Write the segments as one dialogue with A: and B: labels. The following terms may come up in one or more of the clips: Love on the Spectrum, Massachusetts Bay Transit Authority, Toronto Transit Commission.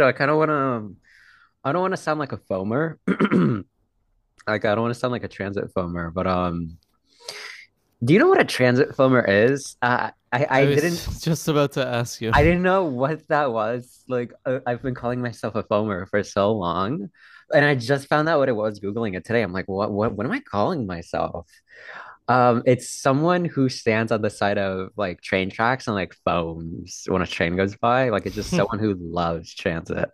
A: So I kind of want to, I don't want to sound like a foamer. Like I don't want to sound like a transit foamer, but do you know what a transit foamer is? Uh, I
B: I
A: I didn't
B: was just about to ask you.
A: I didn't know what that was. Like I've been calling myself a foamer for so long, and I just found out what it was Googling it today. I'm like, what am I calling myself? It's someone who stands on the side of like train tracks and like foams when a train goes by. Like it's just someone who loves transit,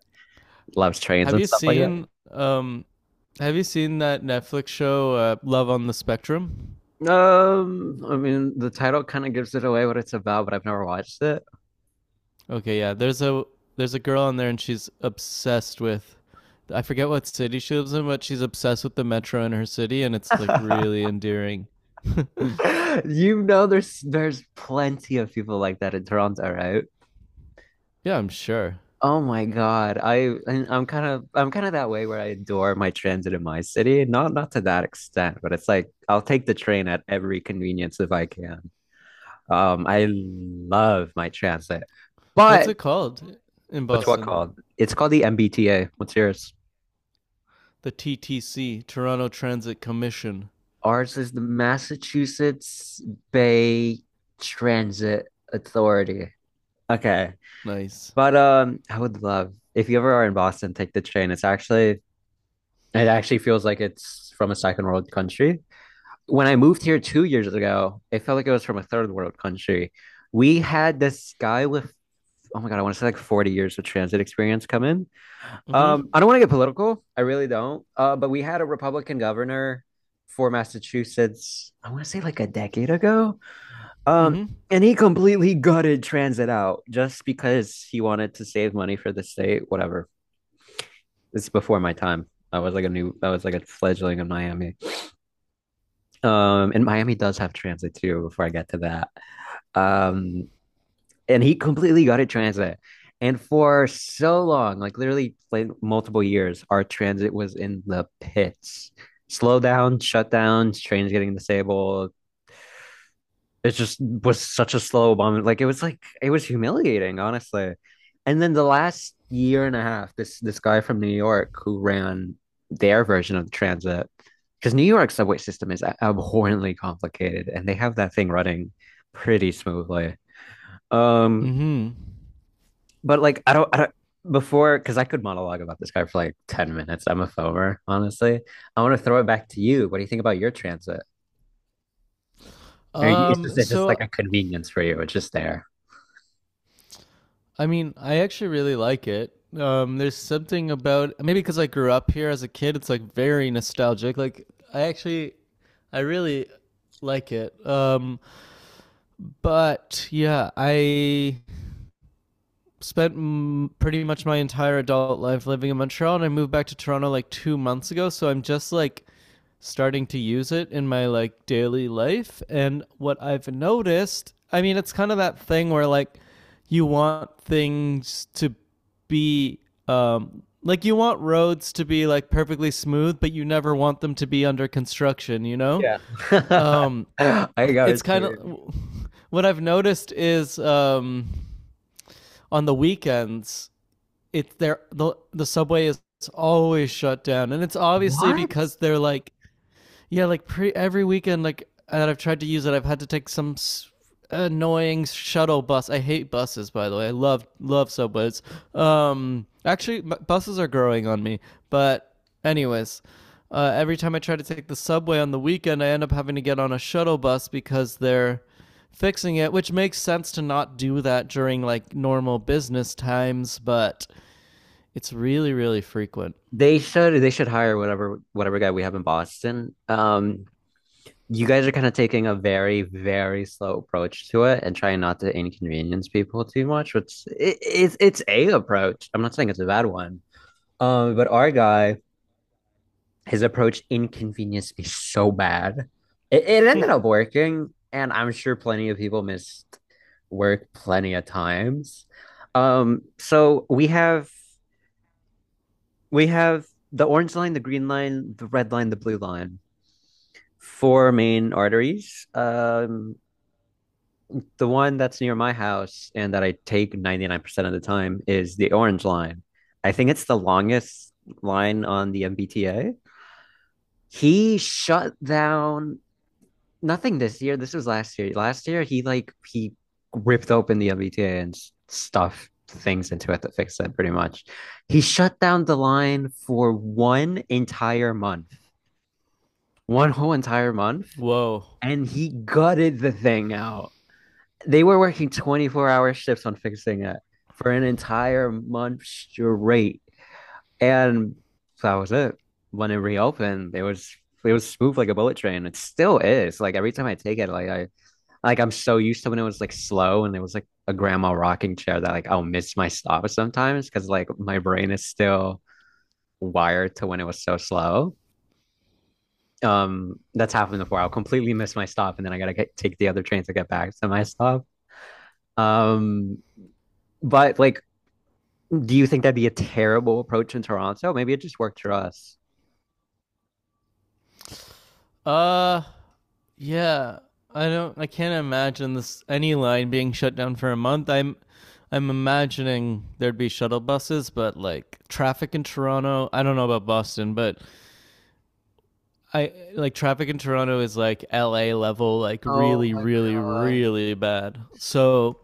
A: loves trains
B: have
A: and
B: you
A: stuff like that.
B: seen um have you seen that Netflix show Love on the Spectrum?
A: I mean, the title kind of gives it away what it's about, but I've never watched it.
B: Okay, yeah. There's a girl on there and she's obsessed with — I forget what city she lives in, but she's obsessed with the metro in her city and it's like really endearing.
A: You know, there's plenty of people like that in Toronto, right?
B: Yeah, I'm sure.
A: Oh my God, I and I'm kind of that way where I adore my transit in my city. Not to that extent, but it's like I'll take the train at every convenience if I can. I love my transit,
B: What's
A: but
B: it called in
A: what
B: Boston?
A: called? It's called the MBTA. What's yours?
B: The TTC, Toronto Transit Commission.
A: Ours is the Massachusetts Bay Transit Authority. Okay.
B: Nice.
A: But I would love if you ever are in Boston, take the train. It actually feels like it's from a second world country. When I moved here 2 years ago, it felt like it was from a third world country. We had this guy with oh my God, I want to say like 40 years of transit experience come in.
B: Mhm.
A: I don't want to get political. I really don't. But we had a Republican governor for Massachusetts, I want to say like a decade ago. Um,
B: Mhm.
A: and he completely gutted transit out just because he wanted to save money for the state, whatever. It's before my time. I was like a fledgling in Miami. And Miami does have transit too, before I get to that. Um, and he completely got it transit. And for so long, like literally like multiple years, our transit was in the pits. Slow down, shut down, trains getting disabled. It just was such a slow bomb. Like it was humiliating, honestly. And then the last year and a half, this guy from New York who ran their version of the transit, because New York's subway system is abhorrently complicated, and they have that thing running pretty smoothly. Um,
B: Mhm.
A: but like I don't before because I could monologue about this guy for like 10 minutes. I'm a foamer, honestly. I want to throw it back to you. What do you think about your transit? It's just
B: Um
A: it's just
B: so
A: like a convenience for you. It's just there.
B: I mean, I actually really like it. There's something about, maybe because I grew up here as a kid, it's like very nostalgic. Like I actually, I really like it. But yeah, I spent, pretty much my entire adult life living in Montreal, and I moved back to Toronto like 2 months ago. So I'm just like starting to use it in my like daily life. And what I've noticed, I mean, it's kind of that thing where like you want things to be like, you want roads to be like perfectly smooth, but you never want them to be under construction. You know,
A: Yeah.
B: um,
A: I got
B: it's
A: it.
B: kind of what I've noticed is, on the weekends it's there — the subway is always shut down, and it's obviously
A: What?
B: because they're like — yeah, like pre every weekend like that I've tried to use it, I've had to take some annoying shuttle bus. I hate buses, by the way. I love love subways. Actually, buses are growing on me. But anyways, every time I try to take the subway on the weekend, I end up having to get on a shuttle bus because they're fixing it, which makes sense, to not do that during like normal business times, but it's really, really frequent.
A: They should hire whatever guy we have in Boston. You guys are kind of taking a very, very slow approach to it and trying not to inconvenience people too much, which it's a approach. I'm not saying it's a bad one. But our guy, his approach inconvenienced me so bad. It ended up working, and I'm sure plenty of people missed work plenty of times. Um, so we have we have the orange line, the green line, the red line, the blue line. Four main arteries. The one that's near my house and that I take 99% of the time is the Orange Line. I think it's the longest line on the MBTA. He shut down nothing this year. This was last year. Last year, he ripped open the MBTA and stuffed things into it to fix it pretty much. He shut down the line for one entire month, one whole entire month,
B: Whoa.
A: and he gutted the thing out they were working 24-hour shifts on fixing it for an entire month straight. And that was it. When it reopened, it was smooth like a bullet train. It still is. Like every time I take it, like I'm so used to when it was like slow and it was like a grandma rocking chair that like I'll miss my stop sometimes because like my brain is still wired to when it was so slow. That's happened before. I'll completely miss my stop and then take the other train to get back to my stop. Um, but like Do you think that'd be a terrible approach in Toronto? Maybe it just worked for us.
B: Uh, yeah. I don't. I can't imagine this any line being shut down for a month. I'm imagining there'd be shuttle buses, but like traffic in Toronto. I don't know about Boston, but I — like traffic in Toronto is like L.A. level, like
A: Oh
B: really,
A: my
B: really,
A: God.
B: really bad. So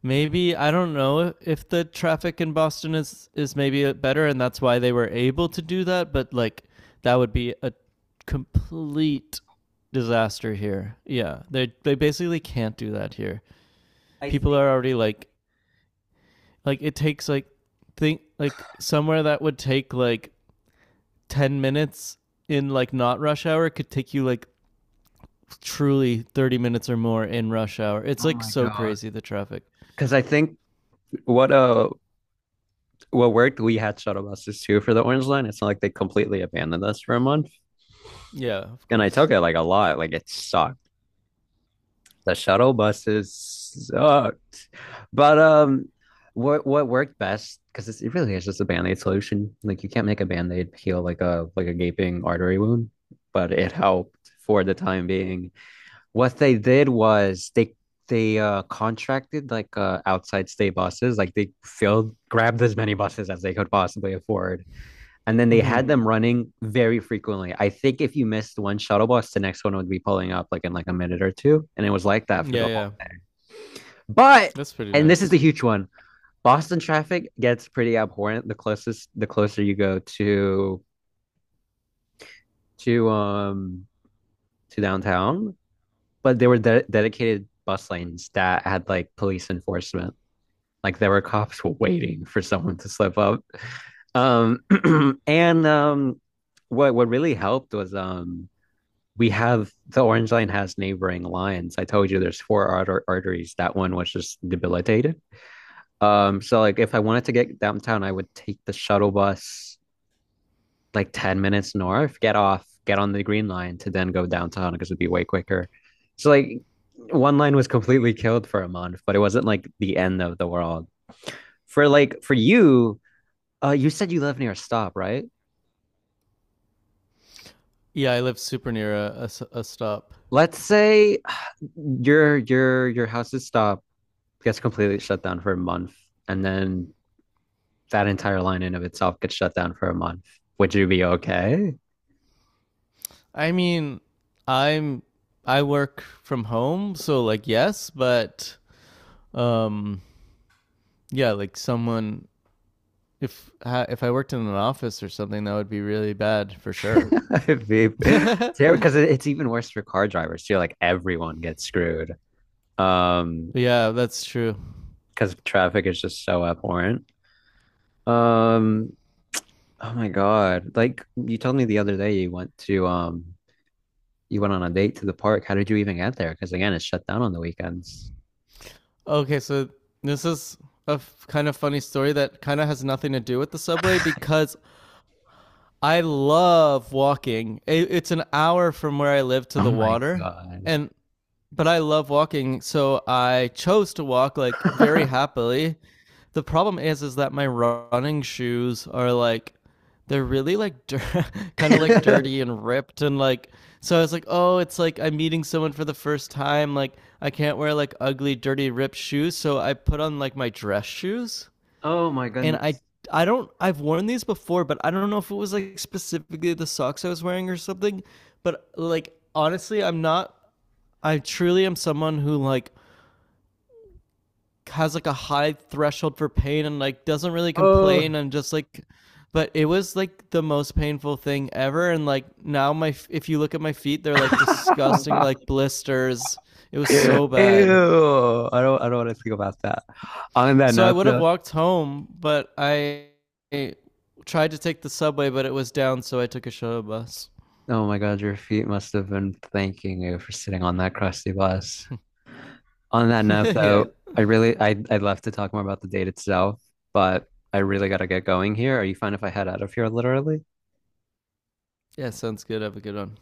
B: maybe I don't know if the traffic in Boston is maybe better, and that's why they were able to do that. But like that would be a complete disaster here. Yeah, they basically can't do that here.
A: I
B: People
A: think
B: are already like — like it takes like — think like somewhere that would take like 10 minutes in like not rush hour could take you like truly 30 minutes or more in rush hour. It's
A: Oh
B: like
A: my
B: so
A: God.
B: crazy, the traffic.
A: Because I think what uh what worked, we had shuttle buses too for the Orange Line. It's not like they completely abandoned us for a month.
B: Yeah, of
A: And I
B: course.
A: took it like a lot. Like it sucked. The shuttle buses sucked. But What worked best, because it really is just a band-aid solution. Like you can't make a band-aid heal like a gaping artery wound, but it helped for the time being. What they did was they contracted like outside state buses, like they filled grabbed as many buses as they could possibly afford. And then they
B: Mhm.
A: had them running very frequently. I think if you missed one shuttle bus, the next one would be pulling up like in like a minute or two. And it was like that for
B: Yeah,
A: the whole.
B: yeah.
A: But
B: That's pretty
A: and this is the
B: nice.
A: huge one. Boston traffic gets pretty abhorrent the closer you go to to um to downtown. But there were dedicated bus lanes that had like police enforcement like there were cops waiting for someone to slip up um and what really helped was we have the Orange Line has neighboring lines. I told you there's four arteries. That one was just debilitated. So like if I wanted to get downtown, I would take the shuttle bus like 10 minutes north, get off, get on the green line to then go downtown because it'd be way quicker. So like one line was completely killed for a month, but it wasn't like the end of the world. For for you, you said you live near a stop, right?
B: Yeah, I live super near a stop.
A: Let's say your house's stop gets completely shut down for a month, and then that entire line in of itself gets shut down for a month. Would you be okay?
B: I mean, I'm — I work from home, so like yes, but um yeah, like someone — if if I worked in an office or something, that would be really bad for sure.
A: It be because it's even worse for car drivers too. Like everyone gets screwed. Um,
B: Yeah, that's true.
A: because traffic is just so abhorrent. Um, oh my God. Like you told me the other day you went to you went on a date to the park. How did you even get there? Because again, it's shut down on the weekends.
B: Okay, so this is a f- kind of funny story that kind of has nothing to do with the subway because I love walking. It, it's an hour from where I live to
A: Oh
B: the
A: my
B: water,
A: god.
B: and but I love walking, so I chose to walk like very happily. The problem is that my running shoes are like, they're really like dir- kind of like dirty and ripped and like, so I was like, "Oh, it's like I'm meeting someone for the first time, like I can't wear like ugly, dirty, ripped shoes." So I put on like my dress shoes,
A: Oh my
B: and I —
A: goodness.
B: I don't — I've worn these before, but I don't know if it was like specifically the socks I was wearing or something, but like honestly, I'm not — I truly am someone who like has like a high threshold for pain and like doesn't really
A: Oh.
B: complain. I'm just like — but it was like the most painful thing ever. And like now my — if you look at my feet, they're like disgusting, like blisters. It was so bad.
A: Ew. I don't want to think about that. On that
B: So I
A: note
B: would have
A: though,
B: walked home, but I tried to take the subway, but it was down, so I took a shuttle bus.
A: oh my god, your feet must have been thanking you for sitting on that crusty bus. On that note
B: Yeah.
A: though, I I'd love to talk more about the date itself, but I really gotta get going here. Are you fine if I head out of here literally?
B: Yeah, sounds good. Have a good one.